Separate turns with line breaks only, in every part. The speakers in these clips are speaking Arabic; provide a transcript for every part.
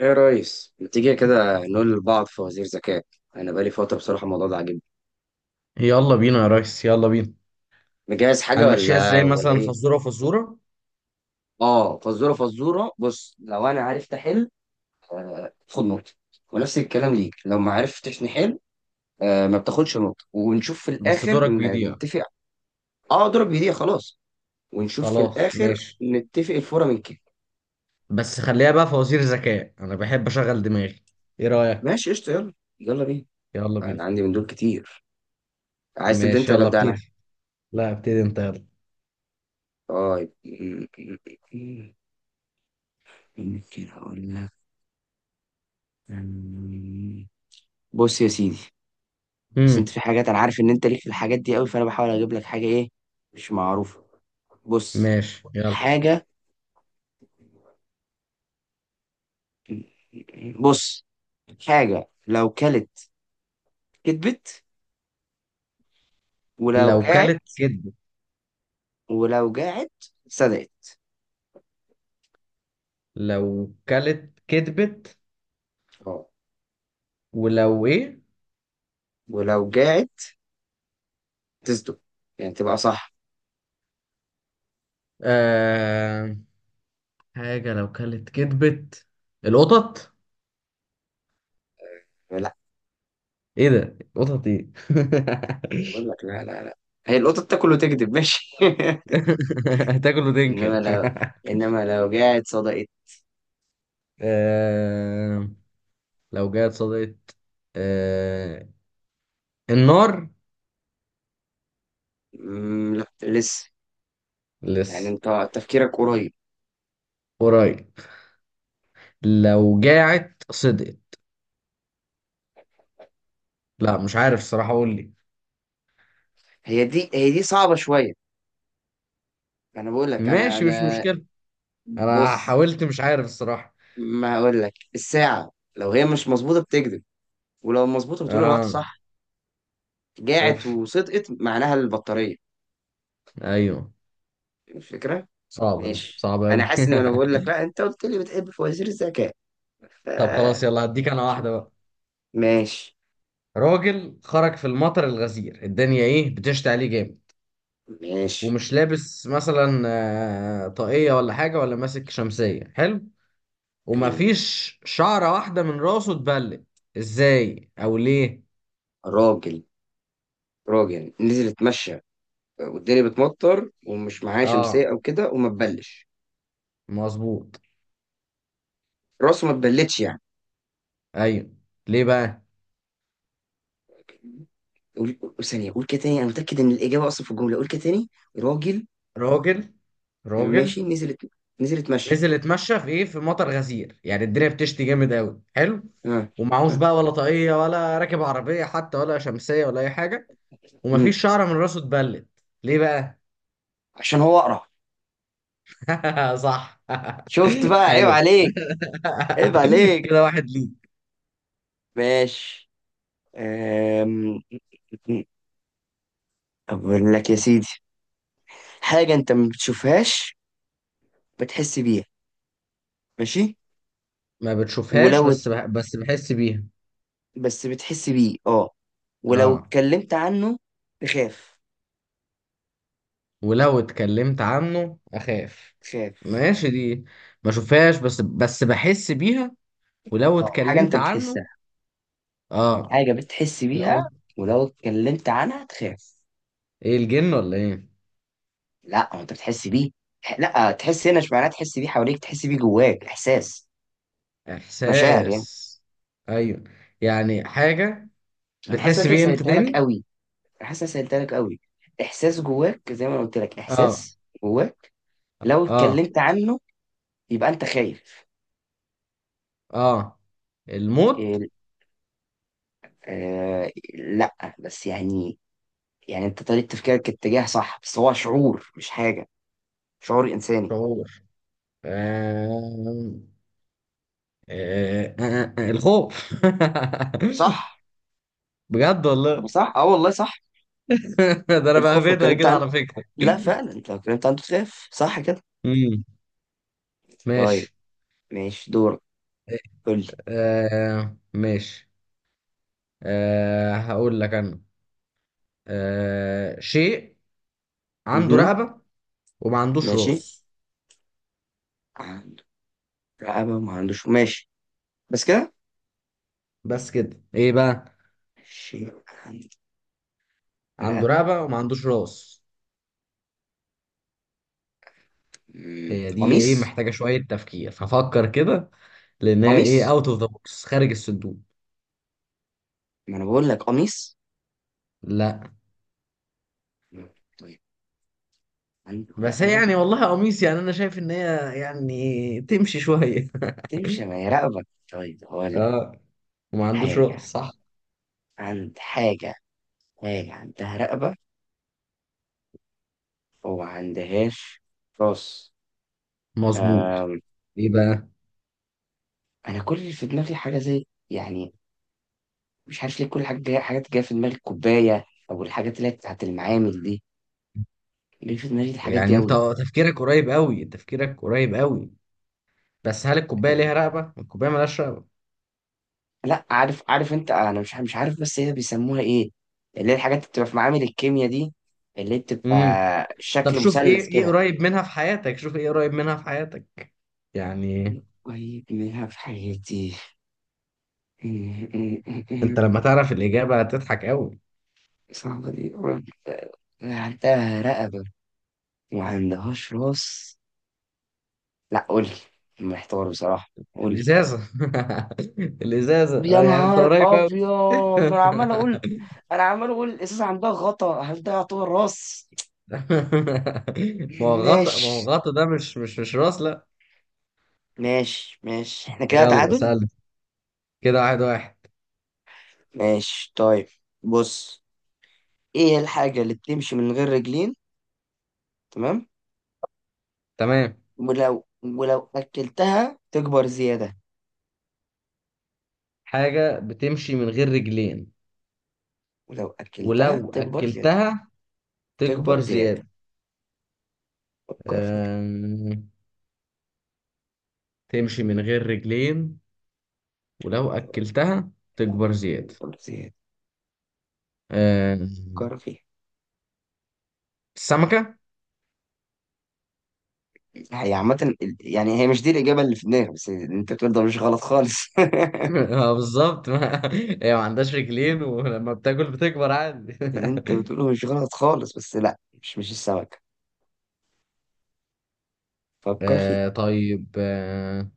ايه يا ريس، ما تيجي كده نقول لبعض فوازير ذكاء؟ انا بقالي فتره، بصراحه الموضوع ده عاجبني.
يلا بينا يا ريس، يلا بينا.
مجهز حاجه
هنمشيها
ولا
ازاي
ولا
مثلا؟
ايه؟
فزورة فزورة؟
اه، فزوره فزوره، بص. لو انا عرفت احل، خد نقطه. ونفس الكلام ليك، لو ما عرفتش نحل آه، ما بتاخدش نقطه. ونشوف في
بس
الاخر
دورك بيضيع.
نتفق. اه، اضرب بايديا خلاص. ونشوف في
خلاص
الاخر.
ماشي.
نتفق الفوره من كده.
بس خليها بقى فوازير ذكاء، انا بحب اشغل دماغي. ايه رأيك؟
ماشي قشطه، يلا. يلا بينا.
يلا بينا.
انا عندي من دول كتير. عايز تبدا انت
ماشي
ولا
يلا
ابدا انا؟
ابتدي. لا، ابتدي انت يلا.
طيب. ممكن اقول لك. بص يا سيدي، بس انت
امم
في حاجات انا عارف ان انت ليك في الحاجات دي قوي، فانا بحاول اجيب لك حاجه ايه، مش معروفه. بص.
ماشي يلا.
حاجه. بص. حاجه لو كلت كدبت، ولو
لو كلت
جاعت.
كدبت.
ولو جاعت صدقت.
لو كلت كدبت
اه.
ولو ايه؟
ولو جاعت تصدق، يعني تبقى صح.
آه... حاجة لو كلت كدبت، القطط.
لا.
ايه ده؟ قطط ايه؟
بقول لك لا، لا، لا. هي القطه بتاكل وتكذب ماشي؟
هتاكل
انما
وتنكر.
لو، انما لو جاعت صدقت.
آه، لو جت صدقت. آه، النار.
مم، لا لسه. يعني
لسه.
انت تفكيرك قريب.
قريب. لو جاعت صدقت، لا مش عارف الصراحة، قول لي.
هي دي صعبه شويه. انا بقول لك انا
ماشي، مش
انا.
مشكلة. انا
بص.
حاولت، مش عارف الصراحة.
ما اقول لك الساعه، لو هي مش مظبوطه بتكذب، ولو مظبوطه بتقول الوقت
اه.
صح. جاعت
اوف.
وصدقت، معناها البطاريه.
ايوه،
الفكره.
صعبة دي،
ماشي،
صعبة
انا
اوي.
حاسس ان انا بقول لك لا، انت قلت لي بتحب فوازير الذكاء. ف
طب خلاص، يلا هديك انا واحدة بقى.
ماشي.
راجل خرج في المطر الغزير، الدنيا ايه، بتشتي عليه جامد.
ماشي.
ومش لابس مثلا طاقية ولا حاجة ولا ماسك شمسية. حلو.
جميل.
ومفيش شعرة واحدة من راسه اتبلت. ازاي او ليه؟
راجل. راجل نزل اتمشى، والدنيا بتمطر، ومش معاه شمسيه
اه،
او كده، وما تبلش.
مظبوط.
راسه ما تبلتش يعني.
ايوه. ليه بقى؟
ثانيه، قول كده تاني. انا متاكد ان الاجابه اصلا في الجمله. قول كده تاني. راجل.
راجل
يعني
راجل
ماشي نزلت. نزلت مشي.
نزل اتمشى في ايه، في مطر غزير، يعني الدنيا بتشتي جامد قوي. حلو.
ها.
ومعهوش
ها.
بقى، ولا طاقية ولا راكب عربية حتى، ولا شمسية ولا اي حاجة.
مم.
ومفيش شعرة من راسه اتبلت. ليه بقى؟
عشان هو اقرع.
صح.
شفت بقى، عيب
حلو.
عليك. عيب عليك.
كده واحد، ليه.
ماشي. أم... اقول لك يا سيدي، حاجة انت ما بتشوفهاش، بتحس بيها. ماشي.
ما
ولو
بتشوفهاش،
ات-
بس بحس بيها.
بس بتحس بيه، اه. ولو
اه،
اتكلمت عنه تخاف.
ولو اتكلمت عنه اخاف.
تخاف.
ماشي دي. ما اشوفهاش بس بحس بيها. ولو
اه، حاجة انت
اتكلمت عنه.
بتحسها.
اه
حاجة بتحس
لو
بيها. ولو اتكلمت عنها تخاف.
ايه، الجن ولا ايه؟
لا، هو انت بتحس بيه. لا، تحس هنا مش معناه تحس بيه حواليك، تحس بيه جواك. احساس. مشاعر
احساس.
يعني.
ايوه، يعني حاجة.
انا حاسس إن
بتحس
أنا كده
بيه امتى
سهلتها لك
تاني؟
قوي. حاسس إن أنا سهلتها لك قوي. احساس جواك، زي ما انا قلت لك،
اه،
احساس جواك. لو
اه،
اتكلمت عنه يبقى انت خايف.
اه، الموت.
ال- آه، لا بس يعني، يعني انت طريقة تفكيرك اتجاه صح، بس هو شعور، مش حاجة. شعور انساني.
شعور. آه. آه. آه. آه. آه، الخوف.
صح.
بجد
طب
والله.
صح، اه والله صح.
ده انا
الخوف لو
بهبدها
اتكلمت
كده،
عنه.
على فكرة.
لا، فعلا انت لو اتكلمت عنه تخاف، صح كده.
امم
طيب.
ماشي.
ماشي دور. قول لي.
آه، ماشي. آه، هقول لك انا. آه، شيء عنده
مهم.
رقبة وما عندوش
ماشي.
راس.
عنده رقبة ما عندوش، ماشي. بس كده.
بس كده ايه بقى؟
ماشي. عنده
عنده
رقبة.
رقبة وما عندوش راس.
مم.
هي دي ايه؟
قميص.
محتاجة شوية تفكير، هفكر كده. لان هي ايه،
قميص،
اوت اوف ذا بوكس، خارج الصندوق.
ما انا بقول لك قميص.
لا،
مم. طيب. عنده
بس هي
رقبة.
يعني والله قميص، يعني انا شايف ان هي يعني تمشي شوية.
تمشي، ما هي رقبة. طيب، هقول لك.
اه، وما عندوش
حاجة.
راس صح.
عند حاجة. حاجة عندها رقبة، وما عندهاش راس.
مظبوط.
أم.
ايه بقى؟
أنا كل اللي في دماغي حاجة زي، يعني مش عارف ليه كل حاجة جاية، حاجات جاية في دماغي الكوباية، أو الحاجات اللي هي بتاعت المعامل دي. ليه في دماغي الحاجات دي
يعني انت
أوي؟
تفكيرك قريب قوي، تفكيرك قريب قوي. بس هل الكوبايه ليها
آه،
رقبه؟ الكوبايه ملهاش رقبه.
لا عارف، عارف انت، انا مش عارف، بس هي بيسموها ايه، اللي هي الحاجات اللي بتبقى في معامل الكيمياء دي، اللي بتبقى
امم طب
شكل
شوف ايه
مثلث
ايه
كده.
قريب منها في حياتك، شوف ايه قريب منها في حياتك يعني.
ويبنيها في حياتي.
انت لما تعرف الاجابه هتضحك قوي.
صعبة دي. عندها رقبة وما عندهاش راس. لا، قولي. محتار بصراحة. قولي.
الازازه. الازازه،
يا
يعني انت
نهار
قريب قوي.
ابيض، ما انا عمال اقول. انا عمال اقول الازازة عندها غطا، هل ده يعتبر راس؟
ما هو غطا،
ماشي.
ما هو غطا ده مش راس، لا.
ماشي ماشي، احنا كده
يلا
تعادل.
سأل. كده 1-1.
ماشي طيب. بص. ايه الحاجة اللي بتمشي من غير رجلين؟ تمام.
تمام.
ولو اكلتها تكبر زيادة.
حاجه بتمشي من غير رجلين،
ولو اكلتها
ولو
تكبر زيادة.
اكلتها تكبر
تكبر زيادة.
زياده؟
فكر فيها.
أم... تمشي من غير رجلين، ولو أكلتها تكبر زيادة.
تكبر زيادة.
آه،
فكر فيها.
السمكة.
هي عامة يعني، هي مش دي الإجابة اللي في دماغي، بس اللي أنت بتقوله ده مش غلط خالص.
اه، بالظبط، ما هي ما عندهاش رجلين ولما بتاكل بتكبر عادي.
اللي أنت بتقوله مش غلط خالص، بس لأ، مش السمكة. فكر فيها.
آه، طيب. آه،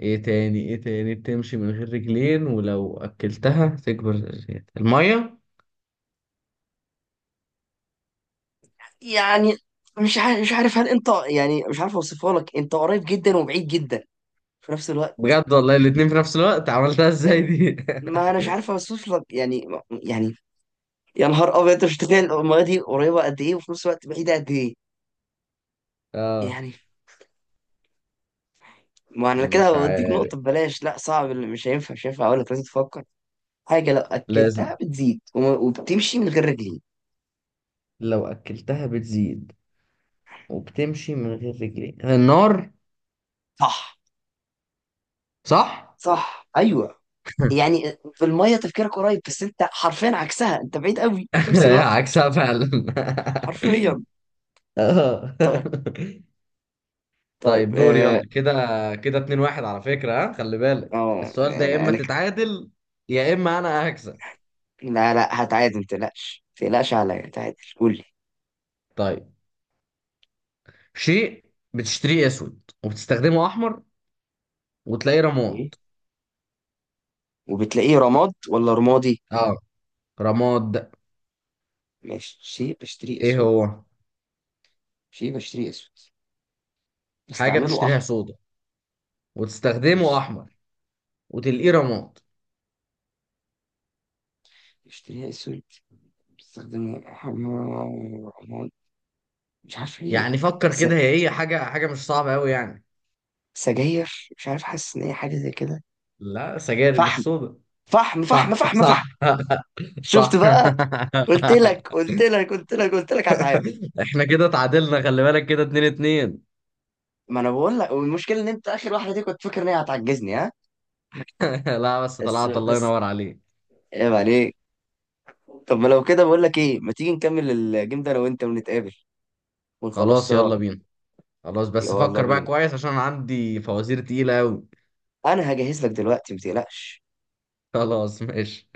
ايه تاني، ايه تاني بتمشي من غير رجلين ولو اكلتها تكبر زيادة؟ المية.
يعني مش عارف هل أنت، يعني مش عارف أوصفها لك. أنت قريب جدا وبعيد جدا في نفس الوقت.
بجد والله، الاتنين في نفس الوقت، عملتها ازاي دي؟
ما انا مش عارف اوصف لك يعني. يعني يا نهار ابيض، انت مش متخيل الميه دي قريبه قد ايه، وفي نفس الوقت بعيده قد ايه.
اه.
يعني. ما انا
مش
كده بديك
عارف.
نقطه ببلاش. لا صعب، اللي مش هينفع اقول لك، لازم تفكر. حاجه لو
لازم،
اكلتها بتزيد، وبتمشي من غير رجلين.
لو اكلتها بتزيد وبتمشي من غير رجلين، النار.
صح.
صح.
صح ايوه. يعني في الميه تفكيرك قريب، بس انت حرفيا عكسها، انت بعيد قوي في نفس الوقت.
عكسها فعلا.
حرفيا.
اه،
طيب. طيب
طيب، دور
اه.
يلا كده. كده 2-1 على فكرة. ها، خلي بالك.
آه،
السؤال ده يا
انا
اما
انا.
تتعادل، يا اما انا هكسب.
لا، لا، هتعادل. ما تقلقش ما تقلقش عليا، هتعادل. قول
طيب. شيء بتشتريه اسود وبتستخدمه احمر، وتلاقيه
لي.
رماد.
وبتلاقيه رماد ولا رمادي؟
اه، رماد ده.
ماشي بشتريه
ايه
اسود.
هو؟
شيء بشتريه اسود،
حاجة
بستعمله
بتشتريها
احمر.
سودا وتستخدمه
ماشي.
احمر وتلاقيه رماد.
بشتريه اسود، بستخدمه احمر، رماد. مش عارف ايه.
يعني فكر
س...
كده، هي ايه حاجة، حاجة مش صعبة قوي يعني.
سجاير. مش عارف. حاسس ان هي حاجه زي كده.
لا، سجاير مش
فحم.
سودا.
فحم فحم
صح،
فحم
صح،
فحم. شفت
صح.
بقى. قلت لك قلت لك قلت لك قلت لك، هتعادل.
احنا كده اتعادلنا، خلي بالك، كده 2-2.
ما انا بقول لك، والمشكله ان انت اخر واحده دي كنت فاكر ان هي هتعجزني، ها.
لا، بس
بس
طلعت، الله
بس
ينور عليك.
عيب عليك. طب ما لو كده، بقول لك ايه، ما تيجي نكمل الجيم ده انا وانت، ونتقابل، ونخلص
خلاص،
سوا.
يلا بينا. خلاص، بس
يلا
فكر بقى
بينا.
كويس عشان عندي فوازير تقيلة أوي.
انا هجهز لك دلوقتي، متقلقش.
خلاص ماشي.